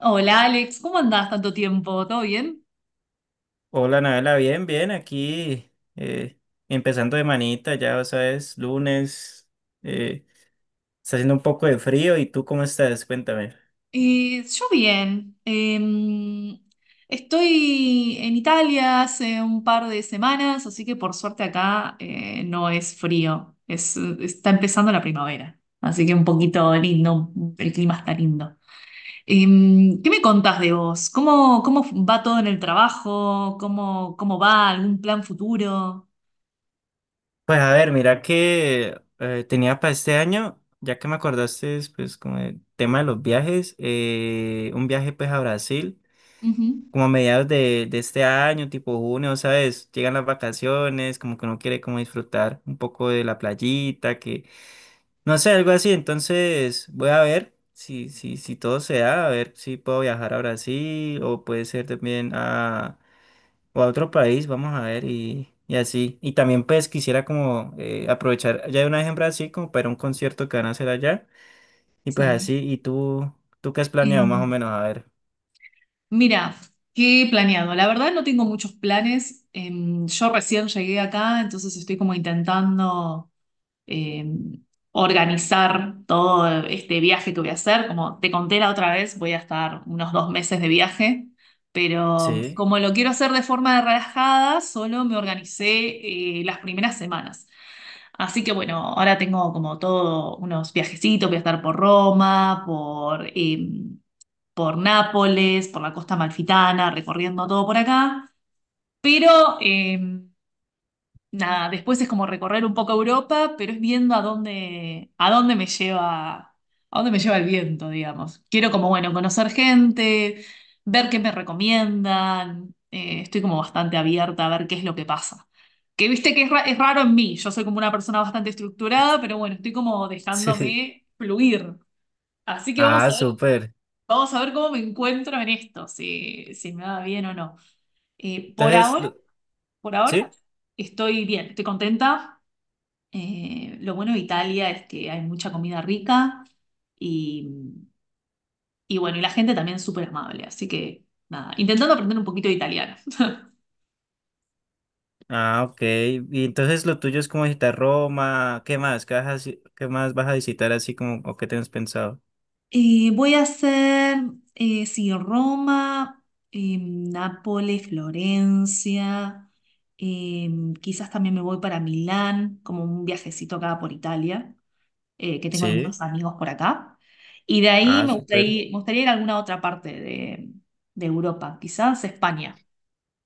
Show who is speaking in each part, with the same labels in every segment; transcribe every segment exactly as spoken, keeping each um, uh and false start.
Speaker 1: Hola Alex, ¿cómo andás tanto tiempo? ¿Todo bien?
Speaker 2: Hola, Nabela, bien, bien, aquí eh, empezando de manita, ya, o sea, es lunes. eh, Está haciendo un poco de frío. ¿Y tú cómo estás? Cuéntame.
Speaker 1: Eh, yo bien. Eh, estoy en Italia hace un par de semanas, así que por suerte acá eh, no es frío. Es, está empezando la primavera, así que un poquito lindo, el clima está lindo. Eh, ¿qué me contás de vos? ¿Cómo, cómo va todo en el trabajo? ¿Cómo, cómo va algún plan futuro?
Speaker 2: Pues a ver, mira que eh, tenía para este año, ya que me acordaste, pues como el tema de los viajes, eh, un viaje pues a Brasil,
Speaker 1: Ujú,
Speaker 2: como a mediados de, de este año, tipo junio, ¿sabes? Llegan las vacaciones, como que uno quiere como disfrutar un poco de la playita, que no sé, algo así. Entonces voy a ver si, si, si todo se da, a ver si puedo viajar a Brasil o puede ser también a, o a otro país, vamos a ver, y, y así. Y también pues quisiera como eh, aprovechar ya de una vez en Brasil como para ir a un concierto que van a hacer allá, y pues
Speaker 1: sí.
Speaker 2: así. ¿Y tú, tú qué has planeado más o
Speaker 1: Em,
Speaker 2: menos? A ver.
Speaker 1: Mira, ¿qué he planeado? La verdad no tengo muchos planes. Em, yo recién llegué acá, entonces estoy como intentando em, organizar todo este viaje que voy a hacer. Como te conté la otra vez, voy a estar unos dos meses de viaje, pero
Speaker 2: Sí,
Speaker 1: como lo quiero hacer de forma relajada, solo me organicé eh, las primeras semanas. Así que bueno, ahora tengo como todo unos viajecitos, voy a estar por Roma, por... em, por Nápoles, por la costa malfitana, recorriendo todo por acá. Pero eh, nada, después es como recorrer un poco Europa, pero es viendo a dónde, a dónde me lleva, a dónde me lleva el viento, digamos. Quiero como, bueno, conocer gente, ver qué me recomiendan. Eh, estoy como bastante abierta a ver qué es lo que pasa. Que viste que es, ra- es raro en mí, yo soy como una persona bastante estructurada, pero bueno, estoy como
Speaker 2: sí.
Speaker 1: dejándome fluir. Así que vamos
Speaker 2: Ah,
Speaker 1: a ver.
Speaker 2: súper.
Speaker 1: Vamos a ver cómo me encuentro en esto, si, si me va bien o no. Eh, por
Speaker 2: Entonces,
Speaker 1: ahora,
Speaker 2: lo-
Speaker 1: por ahora
Speaker 2: ¿sí?
Speaker 1: estoy bien, estoy contenta. Eh, lo bueno de Italia es que hay mucha comida rica y, y bueno, y la gente también es súper amable, así que nada, intentando aprender un poquito de italiano.
Speaker 2: Ah, ok. Y entonces lo tuyo es como visitar Roma. ¿Qué más? ¿Qué vas a, haci- qué más vas a visitar así como o qué tienes pensado?
Speaker 1: Eh, voy a hacer, eh, sí, Roma, eh, Nápoles, Florencia, eh, quizás también me voy para Milán, como un viajecito acá por Italia. Eh, que tengo
Speaker 2: Sí.
Speaker 1: algunos amigos por acá. Y de ahí
Speaker 2: Ah,
Speaker 1: me
Speaker 2: súper.
Speaker 1: gustaría, me gustaría ir a alguna otra parte de, de Europa, quizás España.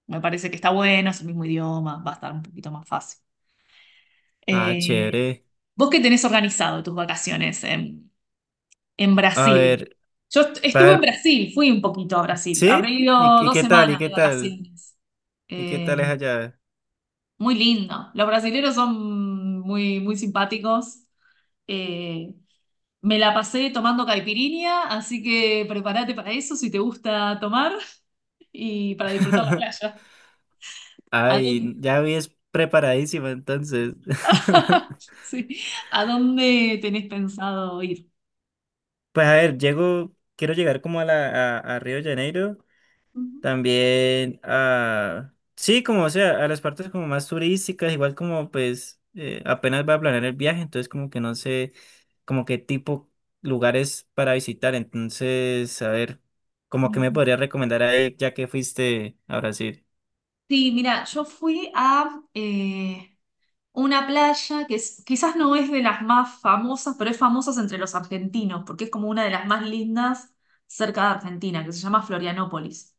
Speaker 1: Me parece que está bueno, es el mismo idioma, va a estar un poquito más fácil.
Speaker 2: Ah,
Speaker 1: Eh,
Speaker 2: chévere.
Speaker 1: ¿Vos qué tenés organizado tus vacaciones en, en
Speaker 2: A
Speaker 1: Brasil?
Speaker 2: ver,
Speaker 1: Yo est-
Speaker 2: a
Speaker 1: estuve en
Speaker 2: ver.
Speaker 1: Brasil, fui un poquito a Brasil. Habré
Speaker 2: ¿Sí? ¿Y,
Speaker 1: ido
Speaker 2: y
Speaker 1: dos
Speaker 2: qué tal? ¿Y
Speaker 1: semanas de
Speaker 2: qué tal?
Speaker 1: vacaciones.
Speaker 2: ¿Y qué tal
Speaker 1: Eh,
Speaker 2: es allá?
Speaker 1: Muy lindo. Los brasileños son muy, muy simpáticos. Eh, Me la pasé tomando caipirinha, así que prepárate para eso si te gusta tomar y para disfrutar la playa. ¿A
Speaker 2: Ay,
Speaker 1: dónde,
Speaker 2: ya vi, es preparadísima entonces.
Speaker 1: sí, ¿a dónde tenés pensado ir?
Speaker 2: Pues a ver, llego, quiero llegar como a la a, a Río de Janeiro.
Speaker 1: Ujú,
Speaker 2: También a, sí, como o sea, a las partes como más turísticas, igual como pues eh, apenas va a planear el viaje, entonces como que no sé como qué tipo lugares para visitar, entonces a ver, como que me
Speaker 1: ujú.
Speaker 2: podría recomendar ahí ya que fuiste a Brasil.
Speaker 1: Sí, mira, yo fui a eh, una playa que es- quizás no es de las más famosas, pero es famosa entre los argentinos, porque es como una de las más lindas cerca de Argentina, que se llama Florianópolis.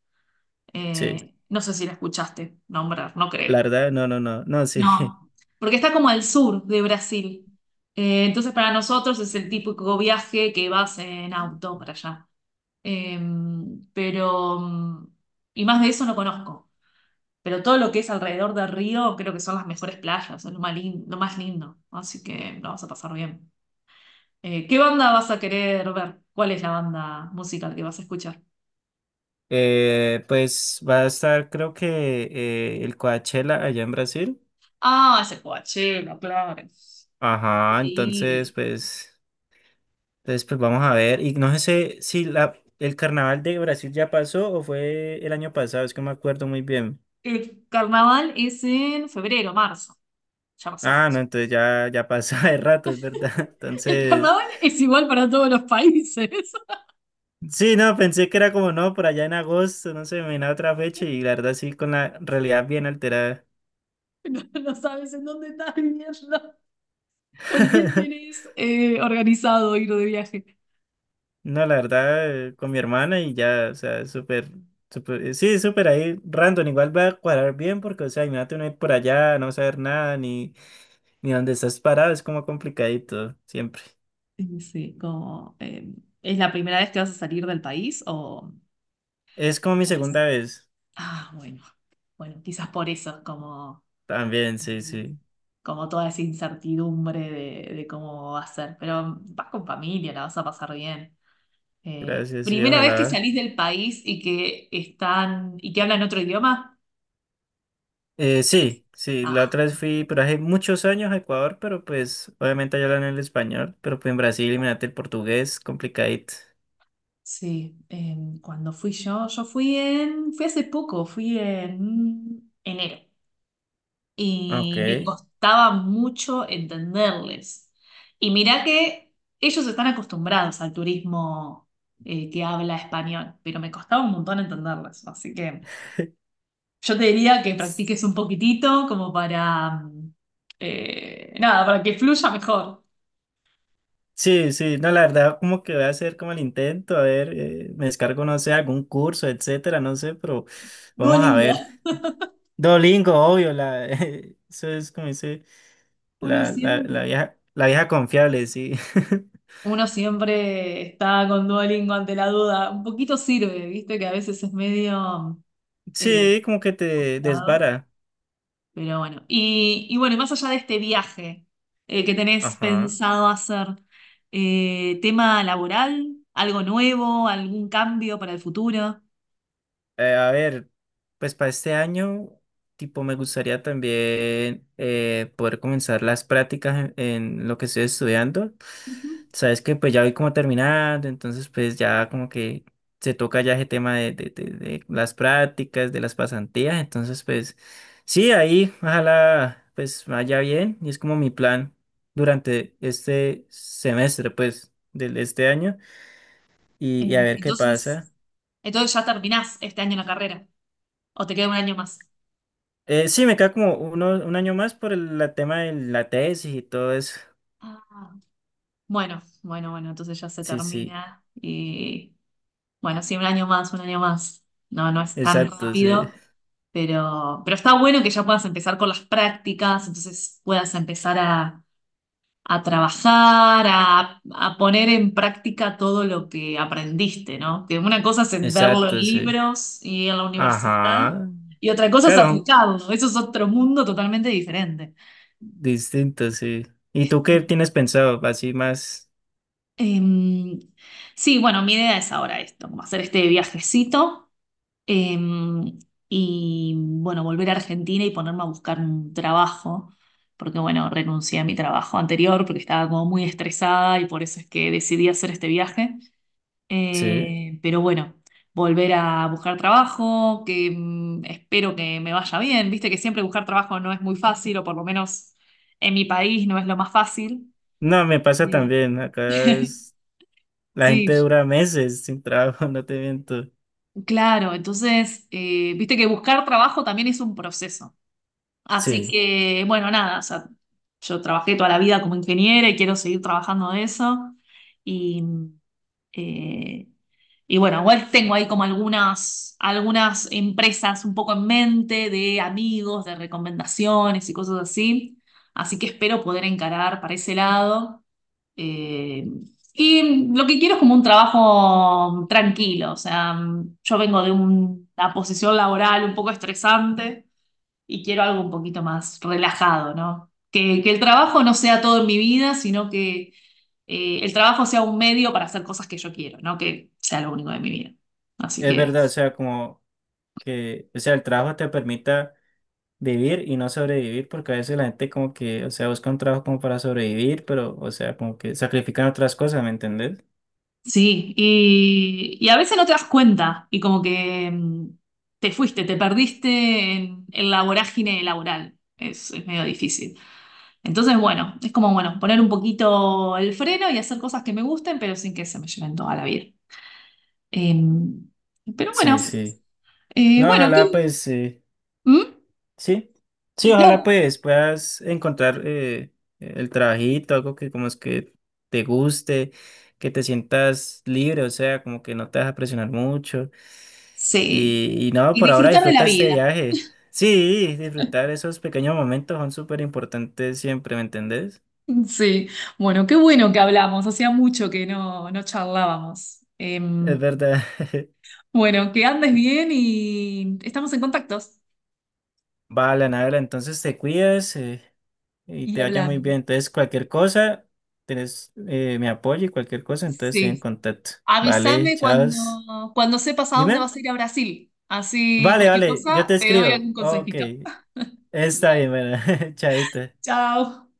Speaker 2: Sí,
Speaker 1: Eh, no sé si la escuchaste nombrar, no
Speaker 2: la
Speaker 1: creo.
Speaker 2: verdad, no, no, no, no, sí.
Speaker 1: No, porque está como al sur de Brasil. Eh, entonces para nosotros es el típico viaje que vas en auto para allá. Eh, pero, mm, y más de eso no conozco. Pero todo lo que es alrededor del río creo que son las mejores playas, es lo más lindo, lo más lindo. Así que lo vas a pasar bien. Eh, ¿qué banda vas a querer ver? ¿Cuál es la banda musical que vas a escuchar?
Speaker 2: Eh, pues va a estar creo que eh, el Coachella allá en Brasil.
Speaker 1: Ah, ese Coachella, claro.
Speaker 2: Ajá, entonces
Speaker 1: Increíble.
Speaker 2: pues... Entonces, pues vamos a ver. Y no sé si la, el carnaval de Brasil ya pasó o fue el año pasado, es que no me acuerdo muy bien.
Speaker 1: El carnaval es en febrero, marzo. Ya pasó, ya
Speaker 2: Ah, no,
Speaker 1: pasó.
Speaker 2: entonces ya, ya pasó de rato, es verdad.
Speaker 1: El
Speaker 2: Entonces,
Speaker 1: carnaval es igual para todos los países.
Speaker 2: sí, no, pensé que era como no, por allá en agosto, no sé, me vino a otra fecha, y la verdad sí, con la realidad bien alterada.
Speaker 1: No sabes en dónde estás viviendo, con quién tenés eh, organizado ir de viaje.
Speaker 2: No, la verdad, eh, con mi hermana y ya, o sea, súper, súper, eh, sí, súper ahí, random, igual va a cuadrar bien porque, o sea, imagínate uno ir por allá, no saber nada, ni, ni dónde estás parado, es como complicadito, siempre.
Speaker 1: Y sí, como, eh, ¿es la primera vez que vas a salir del país o,
Speaker 2: Es como mi
Speaker 1: o ya salí?
Speaker 2: segunda vez.
Speaker 1: Ah, bueno, bueno, quizás por eso, es como,
Speaker 2: También,
Speaker 1: eh,
Speaker 2: sí, sí.
Speaker 1: como toda esa incertidumbre de, de cómo va a ser. Pero vas con familia, la vas a pasar bien. Eh,
Speaker 2: Gracias, sí,
Speaker 1: ¿primera vez que
Speaker 2: ojalá.
Speaker 1: salís del país y que están y que hablan otro idioma?
Speaker 2: Eh, sí, sí, la
Speaker 1: Ah.
Speaker 2: otra vez fui, pero hace muchos años a Ecuador, pero pues obviamente allá hablan el español, pero pues en Brasil, imagínate el portugués, complicadito.
Speaker 1: Sí, em, cuando fui yo, yo fui en, fui hace poco, fui en enero
Speaker 2: Ah, ok.
Speaker 1: y me costaba mucho entenderles. Y mirá que ellos están acostumbrados al turismo eh, que habla español, pero me costaba un montón entenderles. Así que yo te diría que
Speaker 2: S-
Speaker 1: practiques un poquitito como para, mm, eh, nada, para que fluya mejor.
Speaker 2: Sí, sí, no, la verdad, como que voy a hacer como el intento, a ver, eh, me descargo, no sé, algún curso, etcétera, no sé, pero vamos a
Speaker 1: Duolingo.
Speaker 2: ver. Dolingo, obvio, la, eso es como dice,
Speaker 1: Uno
Speaker 2: la, la,
Speaker 1: siempre.
Speaker 2: la vieja, la vieja confiable, sí.
Speaker 1: Uno siempre está con Duolingo ante la duda. Un poquito sirve, viste, que a veces es medio eh,
Speaker 2: Sí, como que te
Speaker 1: complicado.
Speaker 2: desvara.
Speaker 1: Pero bueno. Y, y bueno, y más allá de este viaje eh, que tenés
Speaker 2: Ajá.
Speaker 1: pensado hacer, eh, tema laboral, algo nuevo, algún cambio para el futuro.
Speaker 2: Eh, a ver, pues para este año, tipo, me gustaría también eh, poder comenzar las prácticas en, en lo que estoy estudiando.
Speaker 1: Ujú.
Speaker 2: Sabes que pues ya voy como terminando, entonces pues ya como que se toca ya ese tema de, de, de- de las prácticas, de las pasantías. Entonces pues sí, ahí ojalá pues vaya bien, y es como mi plan durante este semestre pues de de este año. Y, y a
Speaker 1: Eh,
Speaker 2: ver qué pasa.
Speaker 1: entonces, entonces ya terminás este año la carrera. ¿O te queda un año más?
Speaker 2: Eh, sí, me queda como uno, un año más por el la tema de la tesis y todo eso.
Speaker 1: Ah. Bueno, bueno, bueno, entonces ya se
Speaker 2: Sí, sí,
Speaker 1: termina. Y bueno, sí, un año más, un año más. No, no es tan
Speaker 2: exacto, sí.
Speaker 1: rápido, pero, pero está bueno que ya puedas empezar con las prácticas, entonces puedas empezar a, a trabajar, a, a poner en práctica todo lo que aprendiste, ¿no? Que una cosa es verlo en claro,
Speaker 2: Exacto, sí.
Speaker 1: libros y en la universidad,
Speaker 2: Ajá.
Speaker 1: y otra cosa es
Speaker 2: Claro,
Speaker 1: aplicarlo. Eso es otro mundo totalmente diferente.
Speaker 2: distinto, sí. ¿Y tú qué
Speaker 1: Este,
Speaker 2: tienes pensado? Así más,
Speaker 1: em, sí, bueno, mi idea es ahora esto, como hacer este viajecito. Em, y bueno, volver a Argentina y ponerme a buscar un trabajo, porque bueno, renuncié a mi trabajo anterior porque estaba como muy estresada y por eso es que decidí hacer este viaje.
Speaker 2: sí.
Speaker 1: Eh, pero bueno, volver a buscar trabajo, que mm, espero que me vaya bien. Viste que siempre buscar trabajo no es muy fácil, o por lo menos en mi país no es lo más fácil.
Speaker 2: No, me pasa
Speaker 1: Eh,
Speaker 2: también. Acá es- la gente
Speaker 1: sí,
Speaker 2: dura meses sin trabajo, no te miento.
Speaker 1: claro, entonces, eh, viste que buscar trabajo también es un proceso. Así
Speaker 2: Sí,
Speaker 1: que, bueno, nada, o sea, yo trabajé toda la vida como ingeniera y quiero seguir trabajando de eso. Y, eh, y bueno, igual tengo ahí como algunas, algunas empresas un poco en mente de amigos, de recomendaciones y cosas así. Así que espero poder encarar para ese lado. Eh, y lo que quiero es como un trabajo tranquilo. O sea, yo vengo de un- una posición laboral un poco estresante y quiero algo un poquito más relajado, ¿no? Que, que el trabajo no sea todo en mi vida, sino que eh, el trabajo sea un medio para hacer cosas que yo quiero, no que sea lo único de mi vida. Así
Speaker 2: es
Speaker 1: que
Speaker 2: verdad, o sea, como que, o sea, el trabajo te permite vivir y no sobrevivir, porque a veces la gente como que, o sea, busca un trabajo como para sobrevivir, pero, o sea, como que sacrifican otras cosas, ¿me entendés?
Speaker 1: sí, y, y a veces no te das cuenta y como que mm, te fuiste, te perdiste en, en la vorágine laboral. Es, es medio difícil. Entonces, bueno, es como, bueno, poner un poquito el freno y hacer cosas que me gusten, pero sin que se me lleven toda la vida. Em, pero bueno,
Speaker 2: Sí, sí.
Speaker 1: eh,
Speaker 2: No,
Speaker 1: bueno, qué
Speaker 2: ojalá pues, eh,
Speaker 1: ¿Mm?
Speaker 2: sí, sí, ojalá
Speaker 1: No,
Speaker 2: pues puedas encontrar eh, el trabajito, algo que como es que te guste, que te sientas libre, o sea, como que no te vas a presionar mucho.
Speaker 1: sí.
Speaker 2: Y, y no,
Speaker 1: Y
Speaker 2: por ahora
Speaker 1: disfrutar de la
Speaker 2: disfruta este
Speaker 1: vida.
Speaker 2: viaje. Sí, disfrutar esos pequeños momentos son súper importantes siempre, ¿me entendés?
Speaker 1: Sí, bueno, qué bueno que hablamos, hacía mucho que no, no charlábamos.
Speaker 2: Es
Speaker 1: Em,
Speaker 2: verdad.
Speaker 1: bueno, que andes bien y estamos en contactos
Speaker 2: Vale, Anabela, entonces te cuidas, eh, y
Speaker 1: y
Speaker 2: te vaya muy
Speaker 1: hablamos.
Speaker 2: bien. Entonces, cualquier cosa, tenés eh, mi apoyo, y cualquier cosa, entonces estoy en
Speaker 1: Sí,
Speaker 2: contacto. Vale,
Speaker 1: avísame
Speaker 2: chao.
Speaker 1: cuando, cuando sepas a dónde
Speaker 2: Dime.
Speaker 1: vas a ir a Brasil, así
Speaker 2: Vale,
Speaker 1: cualquier
Speaker 2: vale, yo te
Speaker 1: cosa te doy
Speaker 2: escribo.
Speaker 1: algún
Speaker 2: Ok,
Speaker 1: consejito.
Speaker 2: está
Speaker 1: Vale.
Speaker 2: bien, bueno, chaito.
Speaker 1: Chao.